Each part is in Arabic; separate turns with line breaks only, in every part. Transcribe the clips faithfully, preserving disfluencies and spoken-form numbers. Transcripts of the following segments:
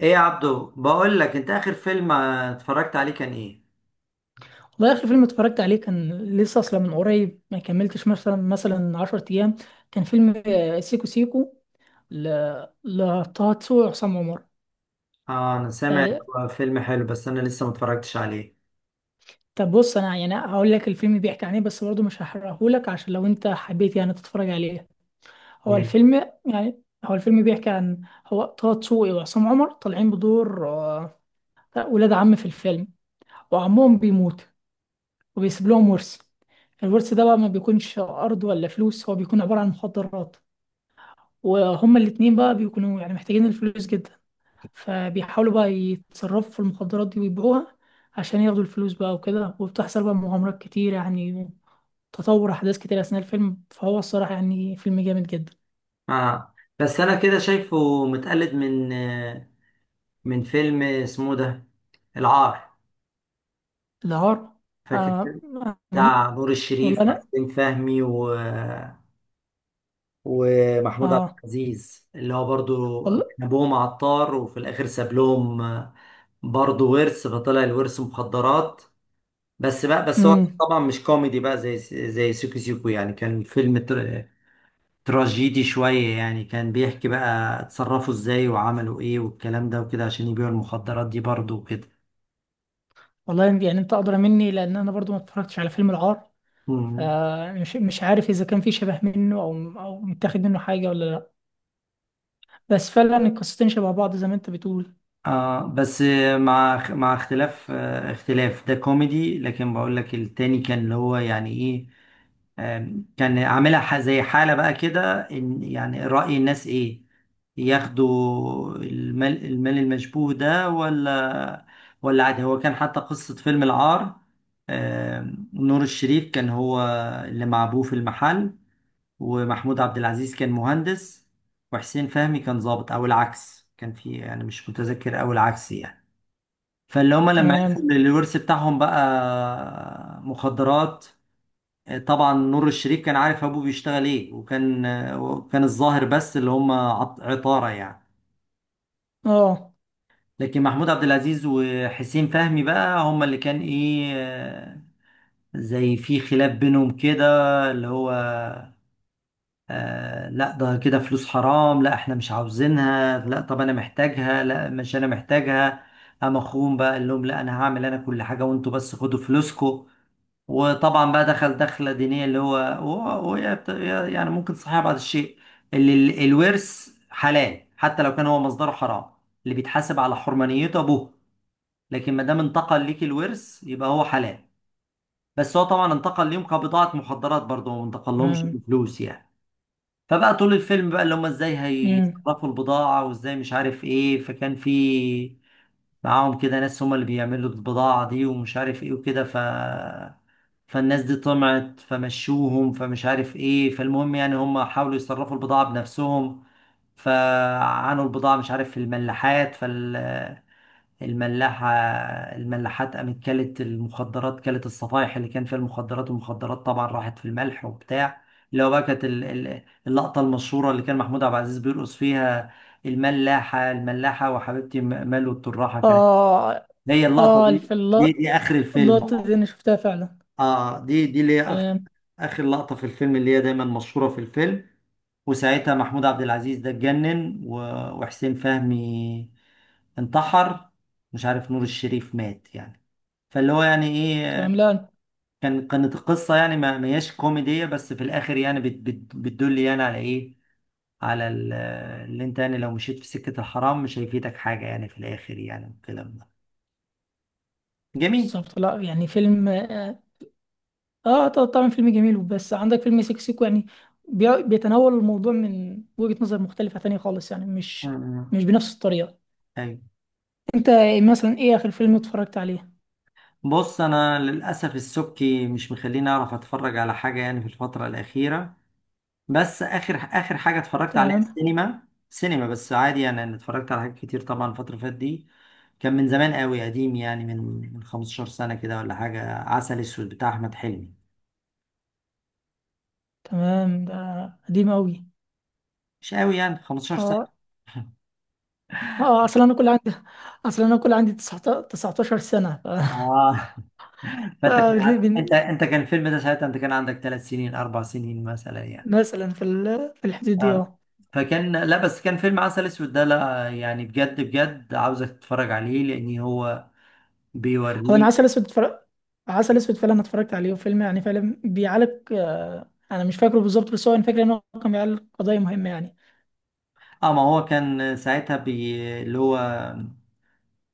ايه يا عبدو، بقول لك انت اخر فيلم آه، اتفرجت عليه كان ايه؟
والله آخر فيلم اتفرجت عليه كان لسه أصلا من قريب، ما كملتش مثلا مثلا عشر أيام. كان فيلم آه، سيكو سيكو، ل... لطه دسوقي وعصام عمر.
اه، انا سامع إن
آه.
هو فيلم حلو بس انا لسه ما اتفرجتش عليه.
طب بص، أنا يعني هقول لك الفيلم بيحكي عن إيه، بس برضه مش هحرقهولك عشان لو أنت حبيت يعني تتفرج عليه. هو
تمام.
الفيلم يعني هو الفيلم بيحكي عن، هو طه دسوقي وعصام عمر طالعين بدور آه، ولاد عم في الفيلم، وعمهم بيموت وبيسيب لهم ورث. الورث ده بقى ما بيكونش أرض ولا فلوس، هو بيكون عبارة عن مخدرات. وهما الاتنين بقى بيكونوا يعني محتاجين الفلوس جدا، فبيحاولوا بقى يتصرفوا في المخدرات دي ويبيعوها عشان ياخدوا الفلوس بقى وكده. وبتحصل بقى مغامرات كتير يعني، تطور أحداث كتير أثناء الفيلم، فهو الصراحة يعني فيلم جامد جدا.
اه بس انا كده شايفه متقلد من آه، من فيلم اسمه ده، العار.
العار.
فاكر كده؟
آه. أنا
بتاع نور
والله
الشريف
أنا
وحسين فهمي و... ومحمود عبد
آه،
العزيز، اللي هو برضو
والله.
كان ابوهم عطار، وفي الاخر ساب لهم، آه، برضو ورث، فطلع الورث مخدرات. بس بقى، بس هو
امم.
طبعا مش كوميدي بقى، زي زي سيكو سيكو، يعني كان فيلم تر- تراجيدي شوية، يعني كان بيحكي بقى اتصرفوا ازاي وعملوا ايه والكلام ده وكده عشان يبيعوا المخدرات دي برضه وكده.
والله يعني أنت أدرى مني، لأن أنا برضو ما اتفرجتش على فيلم العار.
مم.
آه، مش مش عارف إذا كان في شبه منه، أو أو متاخد منه حاجة ولا لأ. بس فعلا القصتين شبه بعض زي ما أنت بتقول.
اه بس، مع اخ- مع اختلاف آه، اختلاف، ده كوميدي، لكن بقول لك التاني كان اللي هو يعني ايه. آم، كان عاملها ح- زي حالة بقى كده، ان يعني رأي الناس ايه، ياخدوا المال المال المشبوه ده ولا ولا عادي. هو كان حتى قصة فيلم العار، آم، نور الشريف كان هو اللي مع ابوه في المحل، ومحمود عبد العزيز كان مهندس، وحسين فهمي كان ضابط او العكس، كان في يعني مش متذكر، او العكس يعني. فاللي هما لما عرفوا ان
تمام.
الورث بتاعهم بقى مخدرات، طبعا نور الشريف كان عارف ابوه بيشتغل ايه، وكان وكان الظاهر بس اللي هما عط- عطارة يعني،
اه.
لكن محمود عبد العزيز وحسين فهمي بقى هما اللي كان ايه، زي في خلاف بينهم كده، اللي هو آه لا، ده كده فلوس حرام، لا احنا مش عاوزينها، لا طب انا محتاجها، لا مش انا محتاجها. قام اخوهم بقى قال لهم: لا انا هعمل انا كل حاجه وانتوا بس خدوا فلوسكم. وطبعا بقى دخل دخله دينيه، اللي هو هو- هو يا بت- يا- يعني ممكن صحيح بعض الشيء، اللي ال- الورث حلال حتى لو كان هو مصدره حرام، اللي بيتحاسب على حرمانيته ابوه، لكن ما دام انتقل ليك الورث يبقى هو حلال. بس هو طبعا انتقل ليهم كبضاعه مخدرات برضه، ما انتقل لهمش
تمام.
فلوس يعني. فبقى طول الفيلم بقى اللي هم ازاي
امم.
هيصرفوا البضاعة وازاي مش عارف ايه، فكان في معاهم كده ناس هم اللي بيعملوا البضاعة دي ومش عارف ايه وكده، ف فالناس دي طمعت فمشوهم، فمش عارف ايه، فالمهم يعني هم حاولوا يصرفوا البضاعة بنفسهم. فعانوا البضاعة مش عارف في الملاحات، فال... الملاحة الملاحات قامت كلت المخدرات، كلت الصفايح اللي كان فيها المخدرات، والمخدرات طبعا راحت في الملح وبتاع. اللي هو بقى كانت ال- ال- اللقطة المشهورة اللي كان محمود عبد العزيز بيرقص فيها: الملاحة الملاحة وحبيبتي م- ملو التراحة، كانت
اه.
هي اللقطة
اه
دي،
في الل-
دي دي آخر الفيلم.
اللقطة دي انا شفتها فعلا.
اه دي، دي اللي هي
تمام.
اخر لقطه في الفيلم، اللي هي دايما مشهوره في الفيلم. وساعتها محمود عبد العزيز ده اتجنن و- وحسين فهمي انتحر، مش عارف نور الشريف مات يعني. فاللي هو يعني ايه،
تمام، لا.
كان كانت القصه يعني ما ما هياش كوميديه، بس في الاخر يعني بت بت بتدل يعني على ايه، على ال- اللي انت يعني لو مشيت في سكه الحرام مش هيفيدك حاجه يعني في الاخر يعني، والكلام ده جميل.
بالظبط، لا يعني فيلم اه. آه، طبعا فيلم جميل، بس عندك فيلم سيكسيكو، يعني بي- بيتناول الموضوع من وجهة نظر مختلفة تانية خالص، يعني
م-
مش
م.
مش بنفس الطريقة.
ايوه.
انت، مثلا، ايه اخر فيلم اتفرجت عليه؟
بص، انا للاسف السبكي مش مخليني اعرف اتفرج على حاجه يعني في الفتره الاخيره، بس اخر اخر حاجه اتفرجت عليها
تمام.
السينما سينما بس عادي، يعني انا اتفرجت على حاجات كتير طبعا الفتره اللي فاتت دي. كان من زمان قوي قديم يعني، من من خمس عشرة سنة سنه كده ولا حاجه، عسل اسود بتاع احمد حلمي.
تمام، ده قديم قوي.
مش قوي يعني خمستاشر سنة
اه.
سنه.
اه اصلا انا كل عندي اصلا انا كل عندي تسعتاشر تسعتاشر سنة.
اه
ف...
فانت كان ع- انت انت كان الفيلم ده ساعتها انت كان عندك ثلاث سنين اربع سنين مثلا يعني.
مثلا في ال- في الحدود دي،
اه،
اه.
فكان لا بس كان فيلم عسل اسود ده، لا يعني بجد بجد عاوزك تتفرج عليه لان هو
هو انا
بيوريك.
عسل اسود اتفرج عسل اسود فعلا اتفرجت عليه، وفيلم يعني فعلا بيعالج. آه، انا مش فاكره بالظبط، بس هو انا فاكر ان هو كان بيعالج قضيه مهمه يعني.
اه، ما هو كان ساعتها بي... اللي هو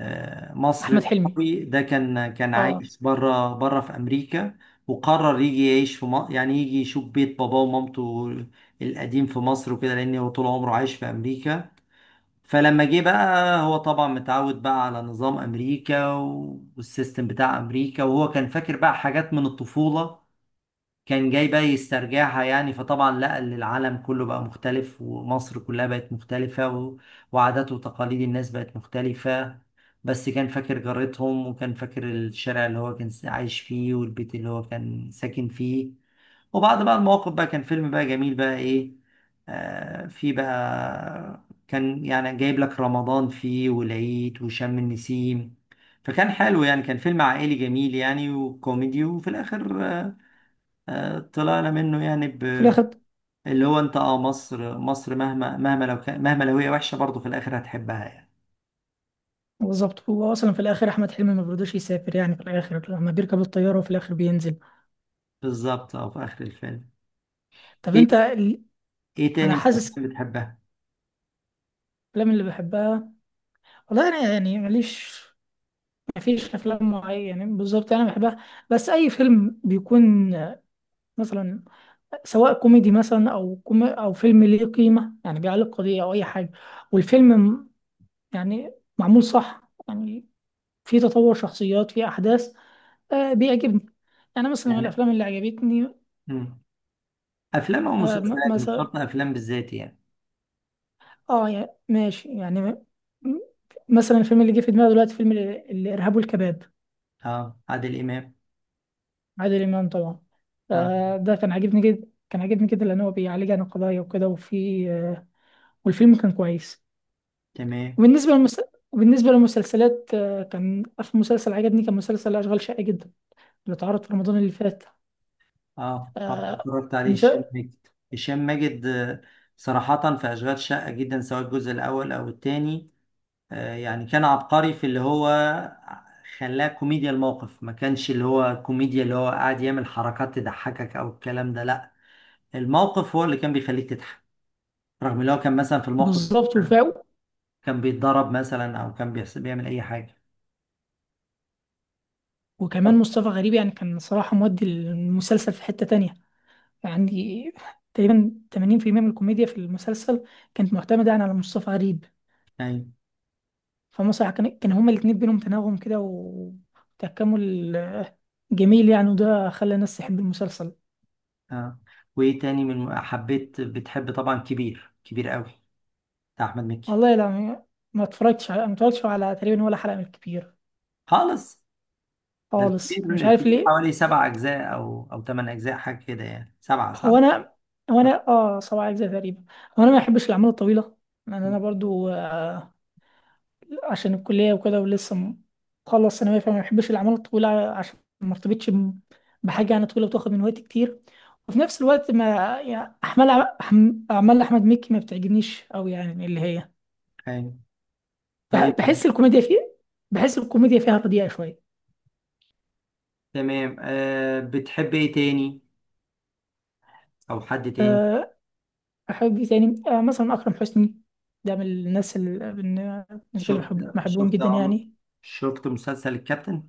آه، مصر
احمد حلمي.
العربي ده كان كان
اه.
عايش بره بره في امريكا، وقرر يجي يعيش في مصر، يعني يجي يشوف بيت باباه ومامته القديم في مصر وكده، لان هو طول عمره عايش في امريكا. فلما جه بقى هو طبعا متعود بقى على نظام امريكا والسيستم بتاع امريكا، وهو كان فاكر بقى حاجات من الطفولة، كان جاي بقى يسترجعها يعني. فطبعا لقى ان العالم كله بقى مختلف ومصر كلها بقت مختلفة، و- وعادات وتقاليد الناس بقت مختلفة. بس كان فاكر جارتهم، وكان فاكر الشارع اللي هو كان عايش فيه، والبيت اللي هو كان ساكن فيه. وبعد بقى المواقف بقى كان فيلم بقى جميل بقى ايه، آه في بقى كان يعني جايب لك رمضان فيه والعيد وشم النسيم. فكان حلو يعني، كان فيلم عائلي جميل يعني وكوميدي، وفي الآخر آه آه، طلعنا منه يعني ب...
وفي الاخر.
اللي هو انت، اه مصر مصر مهما، مهما لو كان مهما لو هي وحشة برضه في الآخر هتحبها يعني.
بالظبط، هو اصلا في الاخر احمد حلمي ما بيرضاش يسافر، يعني في الاخر لما بيركب الطياره، وفي الاخر بينزل.
بالظبط، اه في آخر الفيلم.
طب انت
ايه
ال-
ايه تاني
انا
من
حاسس،
الأفلام بتحبها؟
الافلام اللي بحبها، والله انا يعني ماليش. مفيش افلام معينه بالظبط انا بحبها، بس اي فيلم بيكون آه، مثلا، سواء كوميدي مثلا او كومي او فيلم ليه قيمه، يعني بيعلق قضيه او اي حاجه. والفيلم م- يعني، معمول صح يعني، في تطور شخصيات، في احداث، آه بيعجبني. يعني، مثلا، من
يعني
الافلام اللي عجبتني،
مم. أفلام أو
آه م-
مسلسلات، مش
مثلا،
شرط أفلام بالذات يعني.
اه يعني ماشي يعني م- م- مثلا الفيلم اللي جه في دماغي دلوقتي، فيلم ال- الارهاب والكباب.
اه، عادل إمام.
عادل امام طبعا.
اه
آه، ده كان عاجبني جدا، كان عاجبني جدا، لان هو بيعالج عن القضايا وكده، وفي آه والفيلم كان كويس.
تمام.
وبالنسبة للمس... وبالنسبة للمسلسلات، آه، كان في مسلسل عجبني، كان مسلسل أشغال شاقة جدا، اللي اتعرض في رمضان اللي فات.
اه، اه،
آه،
اتفرجت عليه،
مس...
هشام ماجد. هشام ماجد. آه، صراحة في أشغال شقة جدا، سواء الجزء الأول أو التاني، آه، يعني كان عبقري في اللي هو خلاه كوميديا الموقف، ما كانش اللي هو كوميديا اللي هو قاعد يعمل حركات تضحكك او الكلام ده لا، الموقف هو اللي كان بيخليك تضحك، رغم اللي هو كان مثلا في الموقف
بالظبط،
ده
وفاء.
كان بيتضرب مثلا، او كان بيحس- بيعمل اي حاجة.
وكمان
طب
مصطفى غريب، يعني كان صراحة مودي المسلسل في حتة تانية يعني. تقريبا تمانين بالمية من الكوميديا في المسلسل كانت معتمدة يعني على مصطفى غريب.
يعني
فمسرح كان كان هما الاتنين بينهم تناغم كده، وتكامل جميل يعني، وده خلى الناس تحب المسلسل.
اه، وايه تاني من حبيت بتحب؟ طبعا كبير، كبير قوي بتاع احمد مكي.
والله لا، ما ما اتفرجتش على ما اتفرجتش على تقريبا ولا حلقة من الكبير،
خالص؟ ده
خالص.
الكبير
مش عارف
الكبير
ليه.
حوالي سبع اجزاء او او ثمان اجزاء حاجة كده، يعني سبعة صح؟
هو انا هو انا اه سبع اجزاء تقريبا. هو انا ما بحبش الاعمال الطويله، لان انا برضو آه، عشان الكليه وكده، ولسه م- مخلص ثانويه، فما بحبش الاعمال الطويله عشان ما ارتبطش ب- بحاجه يعني طويله، وتاخد من وقتي كتير. وفي نفس الوقت ما، يعني اعمال، أح- اعمال احمد مكي ما بتعجبنيش قوي يعني، اللي هي
أيوة.
بح-
طيب
بحس الكوميديا فيه بحس الكوميديا فيها رديئه شويه.
تمام، أه بتحب ايه تاني، او حد تاني؟
آه، أحب إيه تاني؟ آه مثلا أكرم حسني. ده من الناس اللي بالنسبة لي
شفت
بحب بحبهم
شفت
جدا
عمرو
يعني.
شفت مسلسل الكابتن.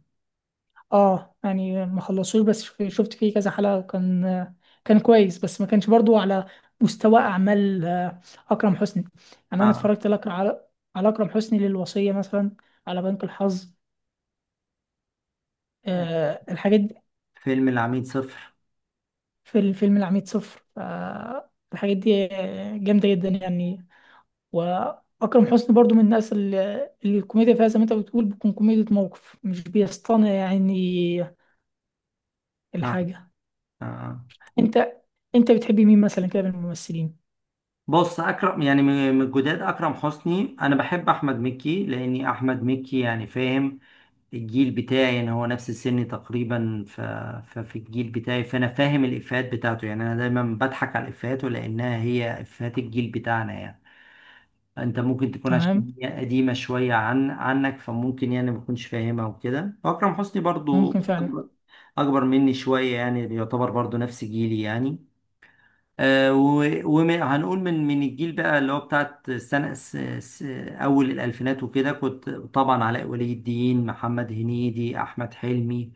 آه، يعني ما خلصوش، بس شف- شفت فيه كذا حلقة، كان آه، كان كويس، بس ما كانش برضو على مستوى أعمال آه، أكرم حسني. يعني أنا
آه.
اتفرجت لك على على أكرم حسني للوصية مثلا، على بنك الحظ، آه الحاجات دي.
فيلم العميد صفر.
في الفيلم العميد صفر، آه الحاجات دي آه، جامدة جدا يعني. واكرم حسني برضو من الناس اللي اللي الكوميديا فيها زي ما انت بتقول بتكون كوميديا موقف، مش بيصطنع يعني
آه.
الحاجه.
آه.
انت انت بتحبي مين مثلا كده من الممثلين؟
بص، اكرم، يعني من من الجداد اكرم حسني، انا بحب احمد مكي، لاني احمد مكي يعني فاهم الجيل بتاعي، يعني هو نفس سني تقريبا ف... ففي الجيل بتاعي، فانا فاهم الافيهات بتاعته، يعني انا دايما بضحك على افيهاته لانها هي افيهات الجيل بتاعنا يعني. انت ممكن تكون
تمام.
عشان هي قديمة شوية عن عنك، فممكن يعني ما تكونش فاهمها وكده، واكرم حسني برضو
ممكن فعلا.
اكبر أكبر مني شوية، يعني يعتبر برضو نفس جيلي يعني. آه، و- وهنقول من من الجيل بقى اللي هو بتاعت سنة س- س- أول الألفينات وكده، كنت طبعا علاء ولي الدين، محمد هنيدي، أحمد حلمي،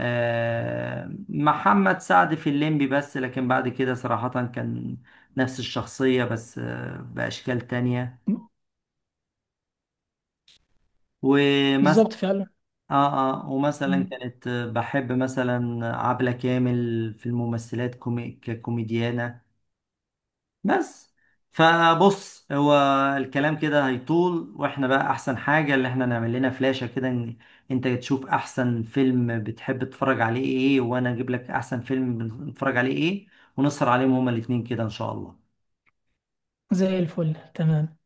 آه، محمد سعد في الليمبي بس، لكن بعد كده صراحة كان نفس الشخصية بس آه، بأشكال تانية. ومثلا
بالظبط فعلا.
اه اه ومثلا
مم.
كانت بحب مثلا عبلة كامل في الممثلات كومي... ككوميديانة. بس فبص هو الكلام كده هيطول، واحنا بقى احسن حاجة اللي احنا نعمل لنا فلاشة كده، إن انت تشوف احسن فيلم بتحب تتفرج عليه ايه، وانا اجيب لك احسن فيلم بنتفرج عليه ايه، ونسهر عليهم هما الاتنين كده ان شاء الله.
زي الفل، تمام.